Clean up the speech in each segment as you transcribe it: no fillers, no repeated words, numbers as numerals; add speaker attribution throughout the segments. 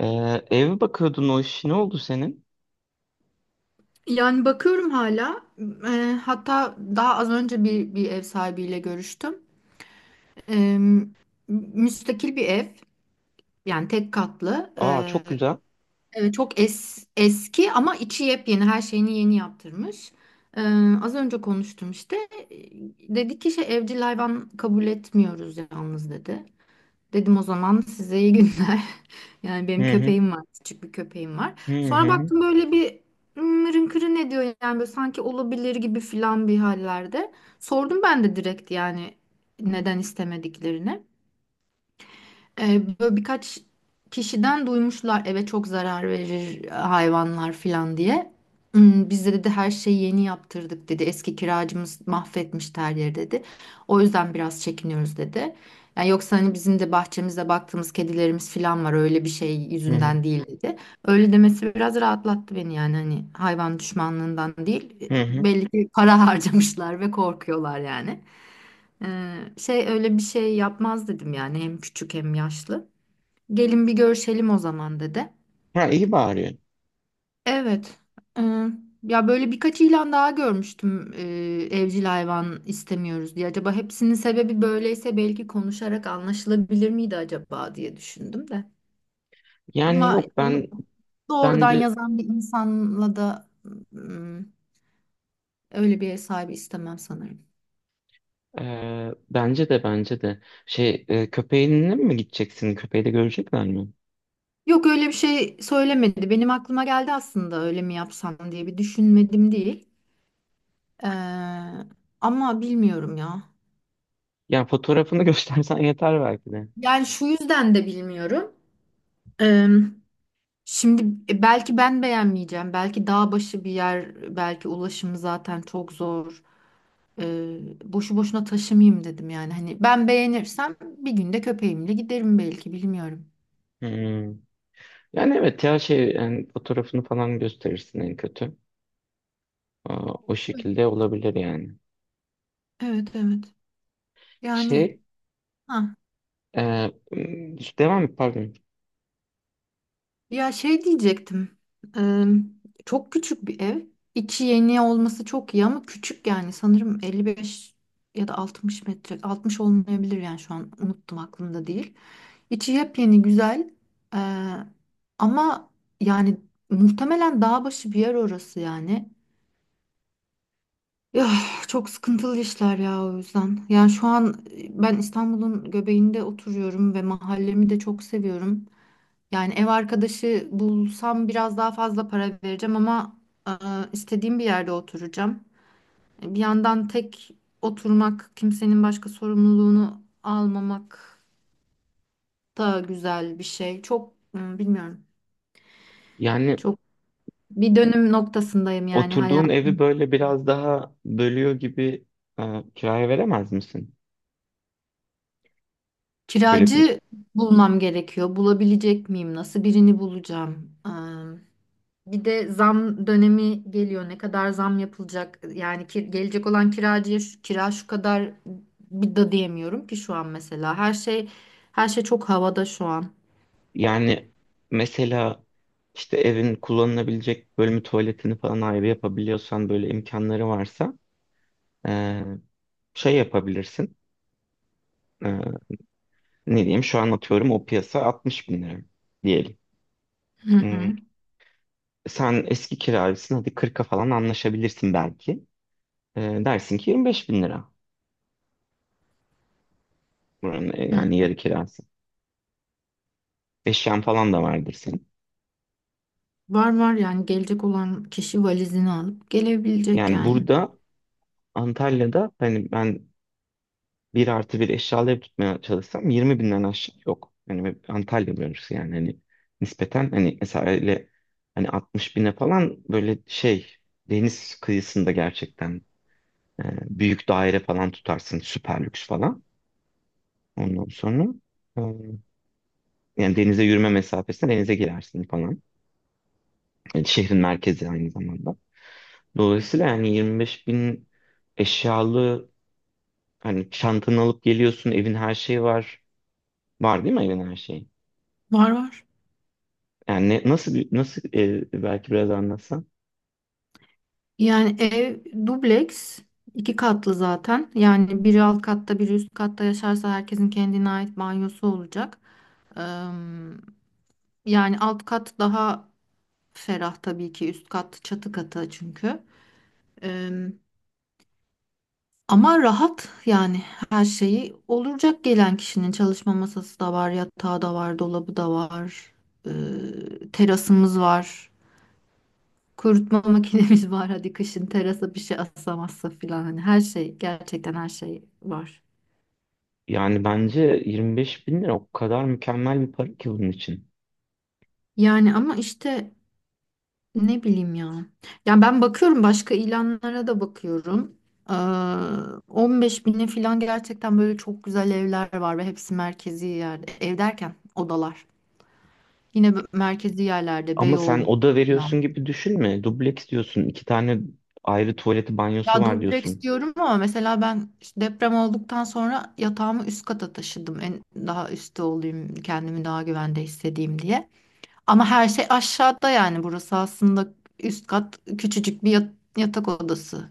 Speaker 1: Ee, Ev bakıyordun, o iş ne oldu senin?
Speaker 2: Yani bakıyorum hala. Hatta daha az önce bir ev sahibiyle görüştüm. Eee, müstakil bir ev. Yani tek katlı.
Speaker 1: Aa, çok güzel.
Speaker 2: Çok eski ama içi yepyeni. Her şeyini yeni yaptırmış. Eee, az önce konuştum işte. Eee, Dedi ki şey evcil hayvan kabul etmiyoruz yalnız dedi. Dedim o zaman size iyi günler. Yani benim
Speaker 1: Hı hı.
Speaker 2: köpeğim var, küçük bir köpeğim var.
Speaker 1: Hı
Speaker 2: Sonra
Speaker 1: hı.
Speaker 2: baktım böyle bir mırın kırın ne diyor yani böyle sanki olabilir gibi filan bir hallerde. Sordum ben de direkt yani neden istemediklerini. Böyle birkaç kişiden duymuşlar eve çok zarar verir hayvanlar falan diye. Biz de dedi her şeyi yeni yaptırdık dedi. Eski kiracımız mahvetmiş her yeri dedi. O yüzden biraz çekiniyoruz dedi. Yani yoksa hani bizim de bahçemizde baktığımız kedilerimiz falan var öyle bir şey
Speaker 1: Hı hı.
Speaker 2: yüzünden değil dedi. Öyle demesi biraz rahatlattı beni yani hani hayvan düşmanlığından değil.
Speaker 1: Hı hı.
Speaker 2: Belli ki para harcamışlar ve korkuyorlar yani. Şey öyle bir şey yapmaz dedim yani hem küçük hem yaşlı. Gelin bir görüşelim o zaman dedi.
Speaker 1: Ha, iyi bağırıyorsun.
Speaker 2: Evet. Ee, ya böyle birkaç ilan daha görmüştüm evcil hayvan istemiyoruz diye. Acaba hepsinin sebebi böyleyse belki konuşarak anlaşılabilir miydi acaba diye düşündüm de.
Speaker 1: Yani,
Speaker 2: Ama
Speaker 1: yok,
Speaker 2: onu doğrudan
Speaker 1: bence
Speaker 2: yazan bir insanla da ım, öyle bir ev sahibi istemem sanırım.
Speaker 1: bence de köpeğinle mi gideceksin? Köpeği de görecekler mi?
Speaker 2: Yok öyle bir şey söylemedi. Benim aklıma geldi aslında öyle mi yapsam diye bir düşünmedim değil. Ee, ama bilmiyorum ya.
Speaker 1: Yani fotoğrafını göstersen yeter belki de.
Speaker 2: Yani şu yüzden de bilmiyorum. Ee, şimdi belki ben beğenmeyeceğim. Belki dağ başı bir yer, belki ulaşımı zaten çok zor. Ee, boşu boşuna taşımayayım dedim yani. Hani ben beğenirsem bir günde köpeğimle giderim belki bilmiyorum.
Speaker 1: Hmm. Yani evet ya, şey, yani fotoğrafını falan gösterirsin en kötü. Aa, o
Speaker 2: Evet,
Speaker 1: şekilde olabilir yani.
Speaker 2: evet. Evet. Yani
Speaker 1: Şey
Speaker 2: ha.
Speaker 1: e, Devam et, pardon.
Speaker 2: Ya şey diyecektim. Eee, çok küçük bir ev. İçi yeni olması çok iyi ama küçük yani. Sanırım 55 ya da 60 metre. 60 olmayabilir yani şu an unuttum aklımda değil. İçi yepyeni güzel. Eee, ama yani muhtemelen dağ başı bir yer orası yani. Ya çok sıkıntılı işler ya o yüzden. Yani şu an ben İstanbul'un göbeğinde oturuyorum ve mahallemi de çok seviyorum. Yani ev arkadaşı bulsam biraz daha fazla para vereceğim ama e, istediğim bir yerde oturacağım. Bir yandan tek oturmak, kimsenin başka sorumluluğunu almamak da güzel bir şey. Çok bilmiyorum.
Speaker 1: Yani
Speaker 2: Çok bir dönüm noktasındayım yani
Speaker 1: oturduğun evi
Speaker 2: hayatım.
Speaker 1: böyle biraz daha bölüyor gibi, e, kiraya veremez misin? Böyle bir-
Speaker 2: Kiracı bulmam gerekiyor. Bulabilecek miyim? Nasıl birini bulacağım? Bir de zam dönemi geliyor. Ne kadar zam yapılacak? Yani ki, gelecek olan kiracıya şu, kira şu kadar bir da diyemiyorum ki şu an mesela. Her şey çok havada şu an.
Speaker 1: Yani mesela işte evin kullanılabilecek bölümü, tuvaletini falan ayrı yapabiliyorsan, böyle imkanları varsa e, şey yapabilirsin. E, Ne diyeyim, şu an atıyorum, o piyasa 60 bin lira diyelim.
Speaker 2: Hı hı.
Speaker 1: Hmm, Sen eski kiracısın, hadi 40'a falan anlaşabilirsin belki. Dersin ki 25 bin lira buranın,
Speaker 2: Hı.
Speaker 1: yani yarı kirası. Eşyan falan da vardır senin.
Speaker 2: Var var yani gelecek olan kişi valizini alıp gelebilecek
Speaker 1: Yani
Speaker 2: yani.
Speaker 1: burada, Antalya'da, hani ben 1+1 eşyalı ev tutmaya çalışsam 20 binden aşağı yok. Hani Antalya bölgesi yani, hani nispeten, hani mesela öyle hani 60 bine falan böyle şey, deniz kıyısında gerçekten e, büyük daire falan tutarsın, süper lüks falan. Ondan sonra e, yani denize yürüme mesafesine, denize girersin falan. Yani şehrin merkezi aynı zamanda. Dolayısıyla yani 25 bin eşyalı, hani çantanı alıp geliyorsun, evin her şeyi var. Var değil mi, evin her şeyi?
Speaker 2: Var var.
Speaker 1: Yani nasıl ev, belki biraz anlatsan.
Speaker 2: Yani ev dubleks iki katlı zaten. Yani biri alt katta biri üst katta yaşarsa herkesin kendine ait banyosu olacak. Eee, yani alt kat daha ferah, tabii ki üst kat çatı katı çünkü. Ee, ama rahat yani her şeyi olacak gelen kişinin çalışma masası da var, yatağı da var, dolabı da var, ee, terasımız var, kurutma makinemiz var. Hadi kışın terasa bir şey asamazsa filan hani her şey gerçekten her şey var.
Speaker 1: Yani bence 25 bin lira o kadar mükemmel bir para ki bunun için.
Speaker 2: Yani ama işte ne bileyim ya. Yani ben bakıyorum başka ilanlara da bakıyorum. Ee, 15 bine falan gerçekten böyle çok güzel evler var ve hepsi merkezi yerde. Ev derken odalar. Yine merkezi yerlerde
Speaker 1: Ama sen
Speaker 2: Beyoğlu
Speaker 1: oda veriyorsun
Speaker 2: falan.
Speaker 1: gibi düşünme. Dubleks diyorsun. İki tane ayrı tuvaleti, banyosu
Speaker 2: Ya
Speaker 1: var
Speaker 2: dubleks
Speaker 1: diyorsun.
Speaker 2: diyorum ama mesela ben işte deprem olduktan sonra yatağımı üst kata taşıdım. En daha üstte olayım, kendimi daha güvende hissedeyim diye. Ama her şey aşağıda yani burası aslında üst kat küçücük bir yatak odası.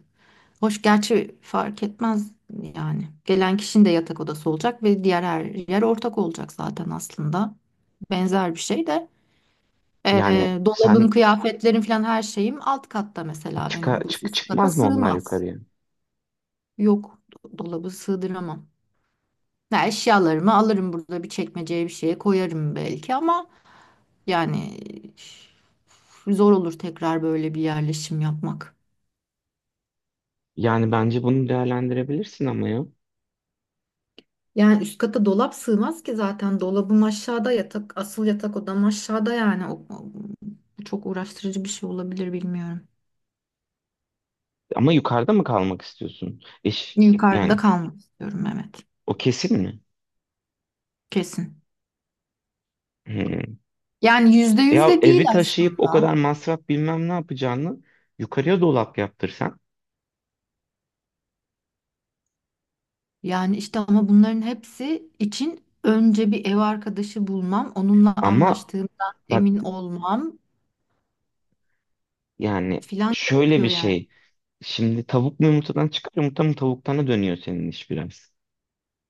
Speaker 2: Hoş gerçi fark etmez yani. Gelen kişinin de yatak odası olacak ve diğer her yer ortak olacak zaten aslında. Benzer bir şey de
Speaker 1: Yani sen
Speaker 2: dolabın, kıyafetlerin falan her şeyim alt katta mesela benim bu üst kata
Speaker 1: çıkmaz mı onlar
Speaker 2: sığmaz.
Speaker 1: yukarıya?
Speaker 2: Yok dolabı sığdıramam. Ya eşyalarımı alırım burada bir çekmeceye bir şeye koyarım belki ama yani zor olur tekrar böyle bir yerleşim yapmak.
Speaker 1: Yani bence bunu değerlendirebilirsin ama ya.
Speaker 2: Yani üst kata dolap sığmaz ki zaten dolabım aşağıda yatak asıl yatak odam aşağıda yani çok uğraştırıcı bir şey olabilir bilmiyorum.
Speaker 1: Ama yukarıda mı kalmak istiyorsun?
Speaker 2: Yukarıda
Speaker 1: Yani
Speaker 2: kalmak istiyorum evet
Speaker 1: o kesin mi?
Speaker 2: kesin.
Speaker 1: Hmm.
Speaker 2: Yani %100
Speaker 1: Ya
Speaker 2: de değil
Speaker 1: evi taşıyıp o kadar
Speaker 2: aslında.
Speaker 1: masraf bilmem ne yapacağını yukarıya dolap yaptırsan.
Speaker 2: Yani işte ama bunların hepsi için önce bir ev arkadaşı bulmam, onunla
Speaker 1: Ama
Speaker 2: anlaştığımdan
Speaker 1: bak,
Speaker 2: emin olmam
Speaker 1: yani
Speaker 2: filan
Speaker 1: şöyle
Speaker 2: gerekiyor
Speaker 1: bir
Speaker 2: yani.
Speaker 1: şey. Şimdi tavuk mu yumurtadan çıkar, yumurta mı tavuktan, dönüyor senin iş biraz.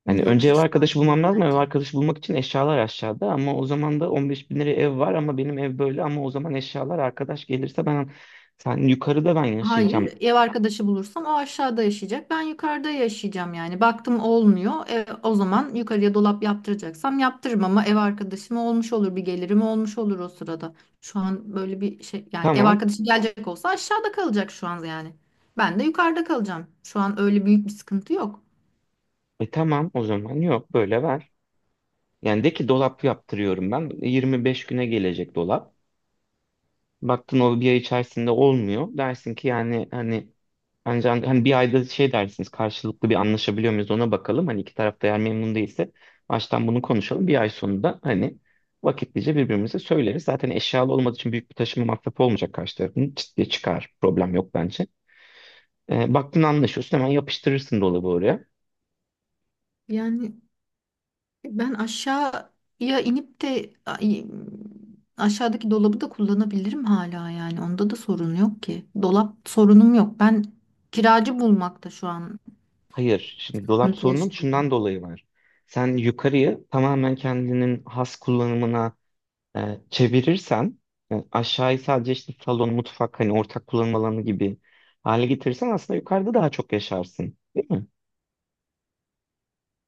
Speaker 1: Hani
Speaker 2: Yok
Speaker 1: önce ev
Speaker 2: hiç
Speaker 1: arkadaşı
Speaker 2: dönmüyor
Speaker 1: bulmam lazım. Ev
Speaker 2: bence.
Speaker 1: arkadaşı bulmak için eşyalar aşağıda, ama o zaman da 15 bin liraya ev var, ama benim ev böyle, ama o zaman eşyalar, arkadaş gelirse sen yukarıda, ben yaşayacağım.
Speaker 2: Hayır, ev arkadaşı bulursam o aşağıda yaşayacak. Ben yukarıda yaşayacağım yani. Baktım olmuyor. O zaman yukarıya dolap yaptıracaksam yaptırırım ama ev arkadaşım olmuş olur bir gelirim olmuş olur o sırada. Şu an böyle bir şey yani ev
Speaker 1: Tamam.
Speaker 2: arkadaşı gelecek olsa aşağıda kalacak şu an yani. Ben de yukarıda kalacağım. Şu an öyle büyük bir sıkıntı yok.
Speaker 1: Tamam, o zaman yok, böyle ver. Yani de ki, dolap yaptırıyorum ben. 25 güne gelecek dolap. Baktın, o bir ay içerisinde olmuyor. Dersin ki, yani hani, ancak hani bir ayda şey dersiniz, karşılıklı bir anlaşabiliyor muyuz ona bakalım. Hani iki tarafta eğer memnun değilse baştan bunu konuşalım. Bir ay sonunda hani vakitlice birbirimize söyleriz. Zaten eşyalı olmadığı için büyük bir taşıma masrafı olmayacak karşı tarafın. Çıt diye çıkar. Problem yok bence. Baktın anlaşıyorsun, hemen yapıştırırsın dolabı oraya.
Speaker 2: Yani ben aşağıya inip de aşağıdaki dolabı da kullanabilirim hala yani. Onda da sorun yok ki. Dolap sorunum yok. Ben kiracı bulmakta şu an
Speaker 1: Hayır. Şimdi dolap
Speaker 2: sıkıntı
Speaker 1: sorunun
Speaker 2: yaşıyorum.
Speaker 1: şundan dolayı var. Sen yukarıyı tamamen kendinin has kullanımına çevirirsen, aşağıyı sadece işte salon, mutfak, hani ortak kullanım alanı gibi hale getirirsen, aslında yukarıda daha çok yaşarsın. Değil mi?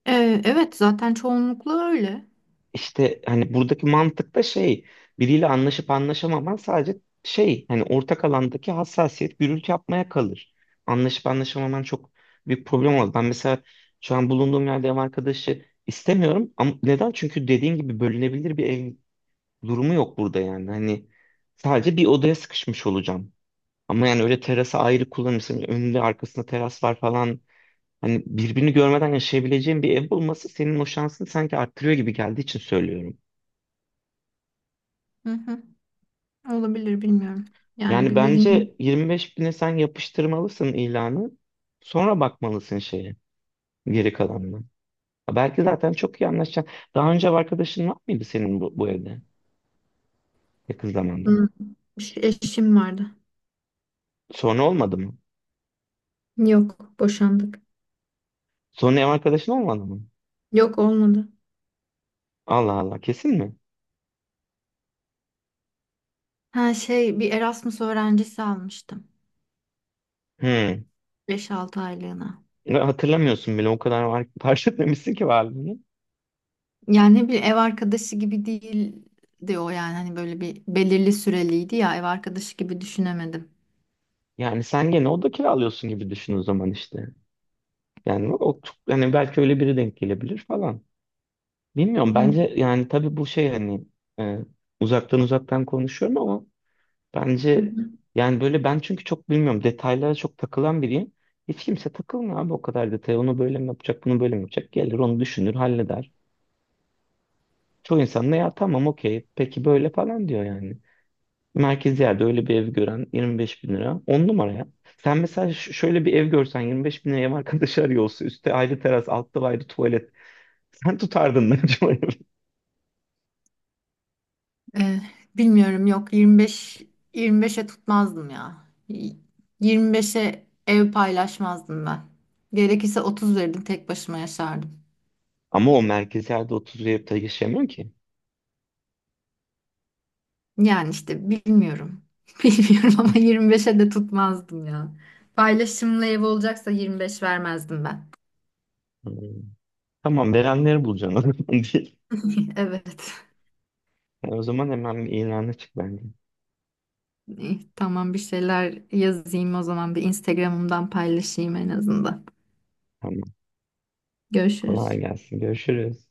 Speaker 2: Evet zaten çoğunlukla öyle.
Speaker 1: İşte hani buradaki mantık da şey, biriyle anlaşıp anlaşamaman sadece şey, hani ortak alandaki hassasiyet, gürültü yapmaya kalır. Anlaşıp anlaşamaman çok büyük problem oldu. Ben mesela şu an bulunduğum yerde ev arkadaşı istemiyorum, ama neden? Çünkü dediğin gibi bölünebilir bir ev durumu yok burada yani. Hani sadece bir odaya sıkışmış olacağım. Ama yani öyle, terası ayrı kullanırsın. Önünde arkasında teras var falan. Hani birbirini görmeden yaşayabileceğin bir ev bulması senin o şansını sanki arttırıyor gibi geldiği için söylüyorum.
Speaker 2: Hı hı. Olabilir bilmiyorum. Yani
Speaker 1: Yani
Speaker 2: bir birinin.
Speaker 1: bence 25 bine sen yapıştırmalısın ilanı. Sonra bakmalısın şeye, geri kalanına. Ha, belki zaten çok iyi anlaşacaksın. Daha önce ev arkadaşın var mıydı senin bu evde, yakın zamanda?
Speaker 2: Hı. Eşim vardı.
Speaker 1: Sonra olmadı mı?
Speaker 2: Yok boşandık.
Speaker 1: Sonra ev arkadaşın olmadı mı?
Speaker 2: Yok olmadı.
Speaker 1: Allah Allah, kesin mi?
Speaker 2: Ha şey bir Erasmus öğrencisi almıştım.
Speaker 1: Hmm.
Speaker 2: Beş altı aylığına.
Speaker 1: Ya, hatırlamıyorsun bile, o kadar var, fark etmemişsin ki varlığını.
Speaker 2: Yani bir ev arkadaşı gibi değil diyor yani hani böyle bir belirli süreliydi ya ev arkadaşı gibi düşünemedim.
Speaker 1: Yani sen gene oda kiralıyorsun gibi düşün o zaman işte. Yani o çok, yani belki öyle biri denk gelebilir falan. Bilmiyorum,
Speaker 2: Hı
Speaker 1: bence yani, tabii bu şey hani, e, uzaktan uzaktan konuşuyorum ama,
Speaker 2: hı.
Speaker 1: bence
Speaker 2: Hı.
Speaker 1: yani böyle, ben çünkü çok, bilmiyorum, detaylara çok takılan biriyim. Hiç kimse takılmıyor abi o kadar detaya, onu böyle mi yapacak, bunu böyle mi yapacak, gelir onu düşünür, halleder. Çoğu insan da ya tamam, okey, peki böyle falan diyor yani. Merkezi yerde öyle bir ev gören, 25 bin lira, 10 numara ya. Sen mesela şöyle bir ev görsen, 25 bin liraya ev arkadaşı arıyor olsa, üstte ayrı teras, altta ayrı tuvalet, sen tutardın mı acaba?
Speaker 2: Ee, bilmiyorum yok 25'e tutmazdım ya. 25'e ev paylaşmazdım ben. Gerekirse 30 verirdim tek başıma yaşardım.
Speaker 1: Ama o merkezi yerde 30 yapıda yaşayamıyor ki.
Speaker 2: Yani işte bilmiyorum. Bilmiyorum ama 25'e de tutmazdım ya. Paylaşımlı ev olacaksa 25 vermezdim ben.
Speaker 1: Hmm. Tamam, verenleri bulacaksın o zaman, değil?
Speaker 2: Evet.
Speaker 1: Yani o zaman hemen bir ilana çık bence.
Speaker 2: İyi, tamam bir şeyler yazayım o zaman bir Instagram'ımdan paylaşayım en azından.
Speaker 1: Tamam, kolay
Speaker 2: Görüşürüz.
Speaker 1: gelsin, görüşürüz.